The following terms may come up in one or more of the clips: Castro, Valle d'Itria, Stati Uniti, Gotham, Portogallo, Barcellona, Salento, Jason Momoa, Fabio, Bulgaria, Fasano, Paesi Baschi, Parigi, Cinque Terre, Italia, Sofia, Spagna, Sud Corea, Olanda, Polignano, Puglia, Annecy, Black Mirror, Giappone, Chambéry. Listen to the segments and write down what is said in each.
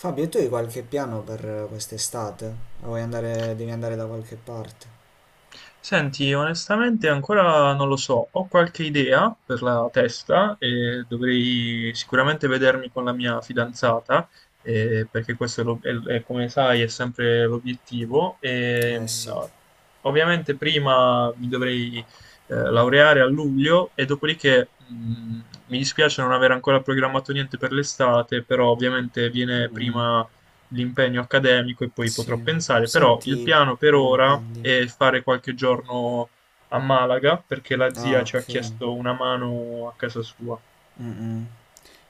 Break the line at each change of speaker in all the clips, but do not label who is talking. Fabio, e tu hai qualche piano per quest'estate? O vuoi andare, devi andare da qualche parte?
Senti, onestamente ancora non lo so, ho qualche idea per la testa e dovrei sicuramente vedermi con la mia fidanzata, perché questo è, come sai è sempre l'obiettivo.
Eh sì.
Ovviamente prima mi dovrei laureare a luglio e dopodiché mi dispiace non aver ancora programmato niente per l'estate, però ovviamente viene
Mm,
prima l'impegno accademico e poi potrò
sì.
pensare, però il
Senti,
piano per
ah,
ora
dimmi.
è fare qualche giorno a Malaga perché la
Ah,
zia ci
ok.
ha chiesto una mano a casa sua.
Mm-mm.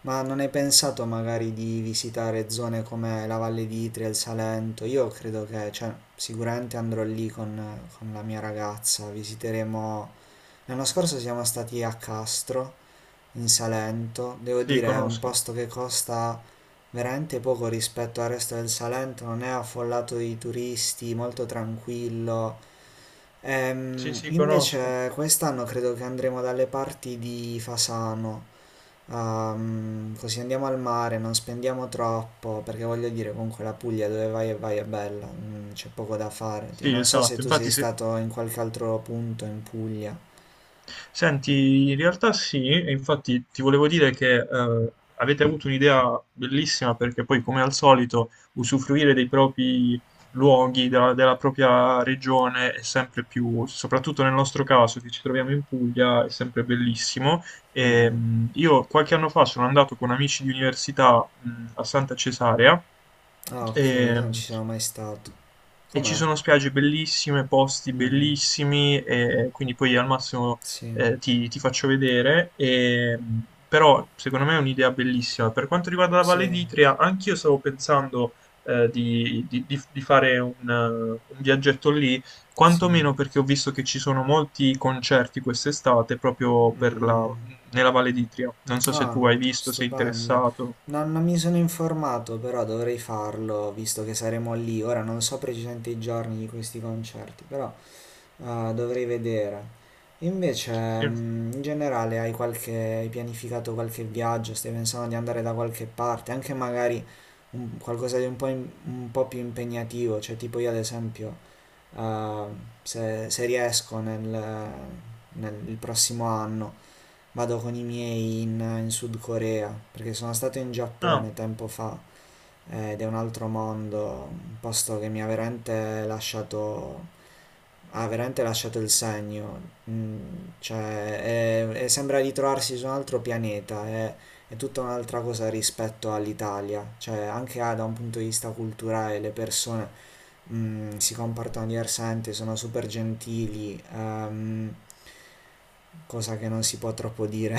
Ma non hai pensato magari di visitare zone come la Valle d'Itria, il Salento? Io credo che, cioè, sicuramente andrò lì con la mia ragazza. Visiteremo. L'anno scorso siamo stati a Castro, in Salento. Devo
Sì,
dire, è un
conosco.
posto che costa veramente poco rispetto al resto del Salento, non è affollato di turisti, molto tranquillo.
Sì, sì, conosco.
Invece quest'anno credo che andremo dalle parti di Fasano, così andiamo al mare, non spendiamo troppo, perché voglio dire, comunque la Puglia dove vai e vai è bella, c'è poco da fare.
Sì,
Non so se
esatto.
tu sei
Infatti se,
stato in qualche altro punto in Puglia.
Senti, in realtà sì, e infatti ti volevo dire che avete avuto un'idea bellissima perché poi, come al solito, usufruire dei propri luoghi, della propria regione è sempre più, soprattutto nel nostro caso che ci troviamo in Puglia, è sempre bellissimo. Io qualche anno fa sono andato con amici di università a Santa Cesarea.
Ah, ok, io
E,
non ci sono mai stato.
e ci
Com'è?
sono spiagge bellissime, posti
Mm, mm.
bellissimi, e quindi poi al massimo
Sì,
ti faccio vedere. Però secondo me è un'idea bellissima. Per quanto riguarda la Valle
sì,
d'Itria, anch'io stavo pensando di fare un viaggetto lì,
sì.
quantomeno perché ho visto che ci sono molti concerti quest'estate proprio
Mm, mm.
nella Valle d'Itria. Non so se
Ah,
tu hai visto, sei
stupendo.
interessato.
Non mi sono informato, però dovrei farlo, visto che saremo lì. Ora non so precisamente i giorni di questi concerti, però dovrei vedere. Invece,
Sì.
in generale, hai pianificato qualche viaggio? Stai pensando di andare da qualche parte? Anche magari qualcosa di un po', un po' più impegnativo, cioè tipo io ad esempio, eh, se riesco nel nel il prossimo anno. Vado con i miei in Sud Corea, perché sono stato in
Ah.
Giappone tempo fa, ed è un altro mondo, un posto che mi ha veramente lasciato il segno. Mm, cioè, sembra ritrovarsi su un altro pianeta, è tutta un'altra cosa rispetto all'Italia, cioè anche, da un punto di vista culturale le persone, si comportano diversamente, sono super gentili, cosa che non si può troppo dire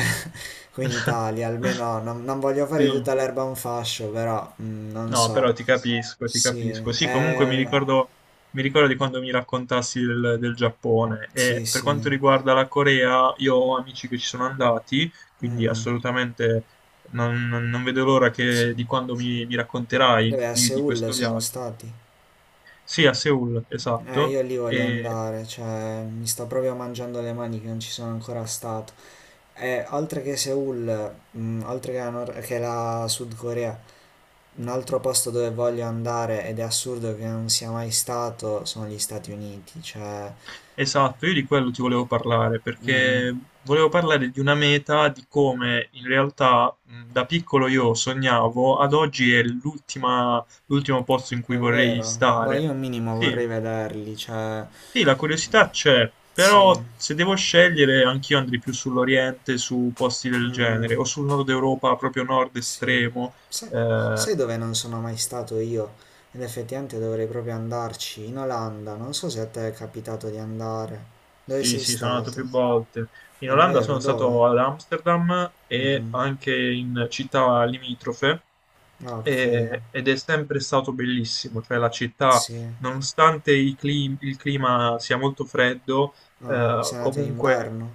qui in Italia, almeno non voglio
Sì.
fare di tutta l'erba un fascio, però, non
No, però
so.
ti capisco, ti
Sì,
capisco. Sì, comunque
eh,
mi ricordo di quando mi raccontassi del Giappone e
sì,
per quanto
sì,
riguarda la Corea, io ho amici che ci sono andati,
mm,
quindi
mm,
assolutamente non vedo l'ora
sì.
di quando mi racconterai
Dove a
di questo
Seoul sono
viaggio.
stati?
Sì, a Seoul, esatto.
Io lì voglio andare, cioè mi sto proprio mangiando le mani che non ci sono ancora stato. E oltre che Seoul, oltre che la, Nor- che la Sud Corea, un altro posto dove voglio andare ed è assurdo che non sia mai stato sono gli Stati Uniti, cioè.
Esatto, io di quello ti volevo parlare
Mm, mm.
perché volevo parlare di una meta di come in realtà da piccolo io sognavo, ad oggi è l'ultimo posto in cui
È
vorrei
vero, boh,
stare.
io un minimo
Sì,
vorrei vederli, cioè,
sì, la curiosità c'è,
sì,
però se devo scegliere anch'io andrei più sull'Oriente, su posti del
mm, mm,
genere, o sul nord Europa, proprio nord
sì.
estremo,
Sai,
eh,
sai dove non sono mai stato io? Ed effettivamente dovrei proprio andarci, in Olanda, non so se a te è capitato di andare. Dove
Sì,
sei
sì, sono andato
stato?
più volte. In
È
Olanda
vero,
sono
dove?
stato ad Amsterdam
Mm,
e
mm.
anche in città limitrofe
Ah, ok,
ed è sempre stato bellissimo, cioè la città,
sì.
nonostante i il clima sia molto freddo,
Ah, sei andato in
comunque
inverno?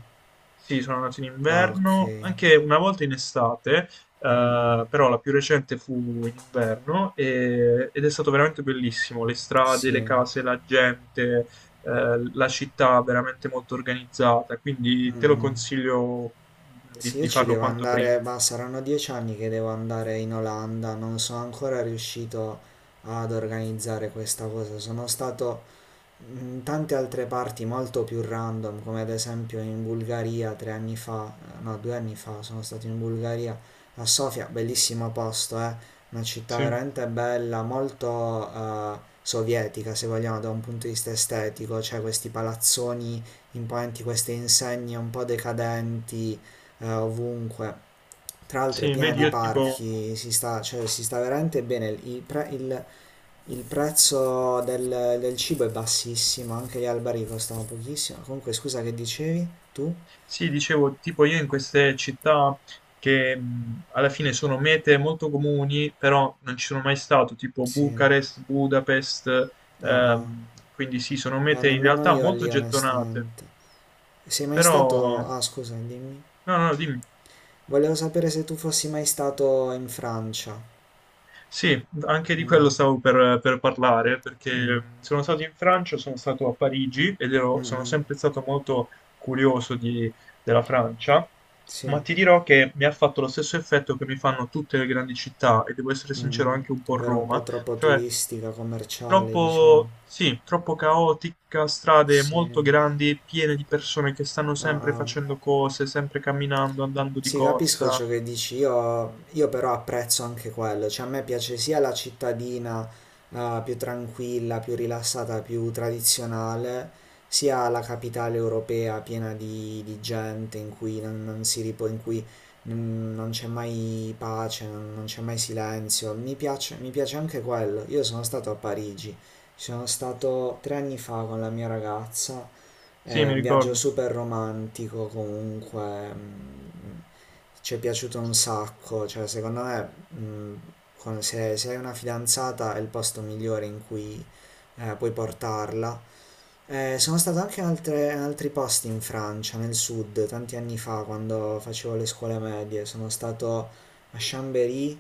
sì, sono nato in
Ah, ok.
inverno, anche una volta in estate,
Mm, mm.
però la più recente fu in inverno ed è stato veramente bellissimo. Le strade, le
Sì.
case, la gente, la città veramente molto organizzata, quindi
Mm,
te lo
mm.
consiglio
Sì, io
di
ci
farlo
devo
quanto
andare,
prima.
ma saranno 10 anni che devo andare in Olanda, non sono ancora riuscito ad organizzare questa cosa. Sono stato in tante altre parti molto più random, come ad esempio in Bulgaria 3 anni fa, no, 2 anni fa sono stato in Bulgaria a Sofia, bellissimo posto, una città
Sì,
veramente bella, molto sovietica se vogliamo da un punto di vista estetico, cioè questi palazzoni imponenti, queste insegne un po' decadenti ovunque. Tra l'altro è
sì,
piena
vedi,
di
io tipo...
parchi, si sta, cioè, si sta veramente bene. Il prezzo del cibo è bassissimo, anche gli alberi costano pochissimo. Comunque, scusa, che dicevi? Tu?
Sì, dicevo, tipo io in queste città che alla fine sono mete molto comuni, però non ci sono mai stato, tipo
Sì.
Bucarest, Budapest,
Ah, ah.
quindi sì, sono mete in
Nemmeno
realtà
io
molto
lì,
gettonate,
onestamente. Sei mai stato.
però...
Ah, scusa, dimmi.
No, no, dimmi.
Volevo sapere se tu fossi mai stato in Francia.
Sì, anche di quello
Mm,
stavo per parlare, perché
mm,
sono stato in Francia, sono stato a Parigi
mm,
sono
mm.
sempre stato molto curioso di- della Francia,
Sì.
ma ti dirò che mi ha fatto lo stesso effetto che mi fanno tutte le grandi città, e devo essere
Mm,
sincero
mm.
anche un po'
Ovvero un po'
Roma,
troppo
cioè
turistica, commerciale,
troppo,
diciamo.
sì, troppo caotica, strade
Sì.
molto grandi, piene di persone che stanno
Ah,
sempre
ah.
facendo cose, sempre camminando, andando di
Sì, capisco
corsa.
ciò che dici, io però apprezzo anche quello, cioè a me piace sia la cittadina, più tranquilla, più rilassata, più tradizionale, sia la capitale europea piena di gente in cui non, non si ripo, in cui, non c'è mai pace, non c'è mai silenzio, mi piace anche quello. Io sono stato a Parigi, ci sono stato 3 anni fa con la mia ragazza.
Sì,
È
mi
un viaggio
ricordo.
super romantico comunque, ci è piaciuto un sacco, cioè secondo me, mm, se hai una fidanzata è il posto migliore in cui, puoi portarla. Sono stato anche in altri posti in Francia, nel sud, tanti anni fa, quando facevo le scuole medie. Sono stato a Chambéry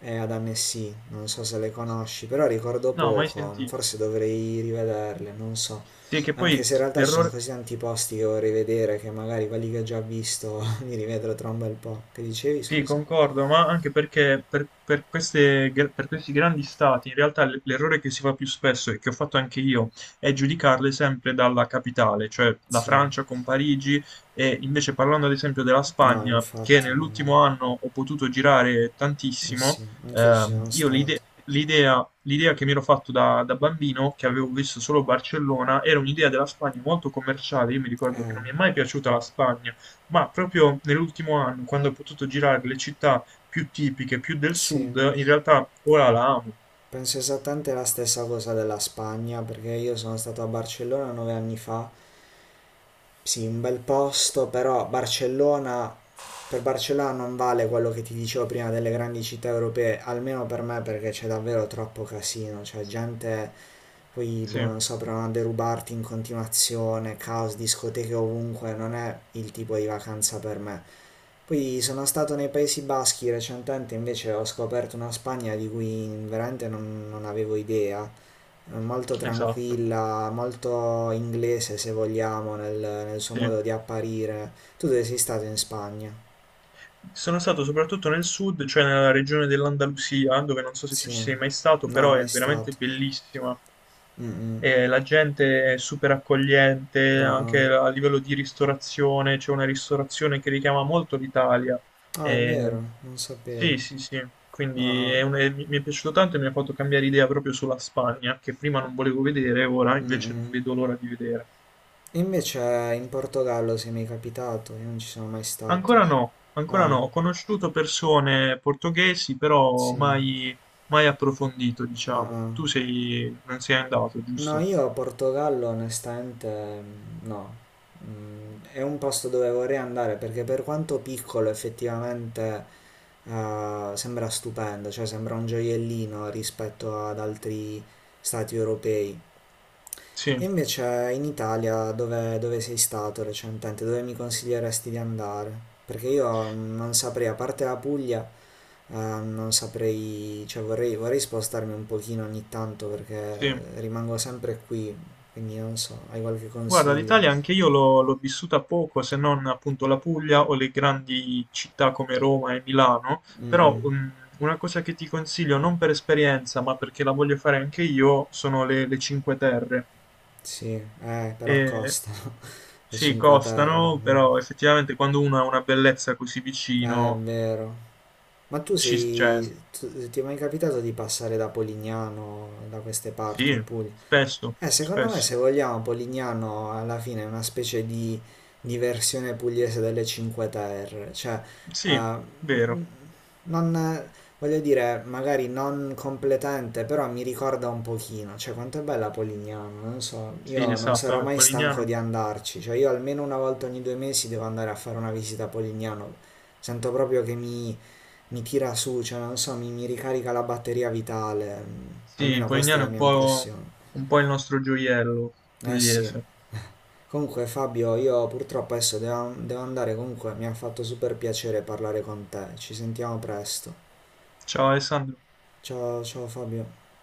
e ad Annecy, non so se le conosci, però ricordo
No, mai
poco,
sentito.
forse dovrei rivederle, non so.
Sì, che
Anche
poi
se in realtà ci sono
l'errore,
così tanti posti che vorrei vedere che magari quelli che ho già visto li rivedrò tra un bel po'. Che dicevi,
sì,
scusa?
concordo, ma anche perché per queste, per questi grandi stati, in realtà l'errore che si fa più spesso e che ho fatto anche io è giudicarle sempre dalla capitale, cioè la
Sì,
Francia con Parigi e invece parlando ad esempio della
no,
Spagna, che
infatti,
nell'ultimo anno ho potuto girare
eh
tantissimo,
sì, anch'io ci sono
io
stato.
l'idea che mi ero fatto da bambino, che avevo visto solo Barcellona, era un'idea della Spagna molto commerciale, io mi ricordo che
Eh,
non mi è mai piaciuta la Spagna. Ma proprio nell'ultimo anno, quando ho potuto girare le città più tipiche, più del
sì.
sud, in realtà ora la amo.
Penso esattamente la stessa cosa della Spagna, perché io sono stato a Barcellona 9 anni fa. Sì, un bel posto, però Barcellona, per Barcellona non vale quello che ti dicevo prima delle grandi città europee, almeno per me, perché c'è davvero troppo casino, cioè gente, poi,
Sì,
boh, non so, provano a derubarti in continuazione, caos, discoteche ovunque, non è il tipo di vacanza per me. Poi sono stato nei Paesi Baschi recentemente, invece ho scoperto una Spagna di cui veramente non avevo idea, molto
esatto.
tranquilla, molto inglese se vogliamo nel suo
Sì.
modo di apparire. Tu dove sei stato in Spagna?
Sono stato soprattutto nel sud, cioè nella regione dell'Andalusia, dove non so se tu ci
Sì,
sei mai stato,
no,
però è
mai
veramente
stato.
bellissima.
Mm-mm.
E la gente è super accogliente,
Ah, ah.
anche a livello di ristorazione, c'è una ristorazione che richiama molto l'Italia.
Ah, è
E-
vero, non sapevo.
Sì, sì, sì,
Ah,
quindi è
ah.
mi è piaciuto tanto e mi ha fatto cambiare idea proprio sulla Spagna, che prima non volevo vedere, ora invece non
Mm-mm.
vedo l'ora di vedere.
Invece in Portogallo sei mai capitato, io non ci sono mai stato.
Ancora no, ancora
Ah,
no. Ho conosciuto persone portoghesi, però
sì.
mai, mai approfondito,
Ah,
diciamo.
ah.
Tu sei, non sei andato,
No,
giusto?
io Portogallo onestamente, no. È un posto dove vorrei andare perché per quanto piccolo effettivamente sembra stupendo, cioè sembra un gioiellino rispetto ad altri stati europei. E
Sì,
invece in Italia dove sei stato recentemente? Dove mi consiglieresti di andare? Perché io non saprei, a parte la Puglia, non saprei, cioè vorrei spostarmi un pochino ogni tanto
sì.
perché rimango sempre qui, quindi non so, hai qualche
Guarda, l'Italia
consiglio?
anche io l'ho vissuta poco, se non appunto la Puglia o le grandi città come Roma e Milano,
Mm,
però
mm,
una cosa che ti consiglio, non per esperienza, ma perché la voglio fare anche io, sono le Cinque Terre.
sì, però
E
costano le
sì,
Cinque Terre.
costano,
Mm.
però effettivamente quando uno ha una bellezza così
È
vicino,
vero. Ma
ci, cioè,
ti è mai capitato di passare da Polignano, da queste parti in
sì,
Puglia?
spesso,
Secondo me
spesso.
se vogliamo Polignano alla fine è una specie di versione pugliese delle Cinque Terre, cioè,
Sì,
eh,
vero.
non, voglio dire, magari non completamente, però mi ricorda un pochino, cioè quanto è bella Polignano, non so,
Sì,
io non
esatto,
sarò
vabbè,
mai stanco
Polignano.
di andarci, cioè io almeno una volta ogni 2 mesi devo andare a fare una visita a Polignano, sento proprio che mi tira su, cioè non so, mi ricarica la batteria vitale,
Sì,
almeno questa è
Polignano è
la mia impressione.
un po' il nostro gioiello
Eh sì.
pugliese.
Comunque Fabio, io purtroppo adesso devo andare, comunque mi ha fatto super piacere parlare con te. Ci sentiamo presto.
Ciao Alessandro.
Ciao, ciao Fabio.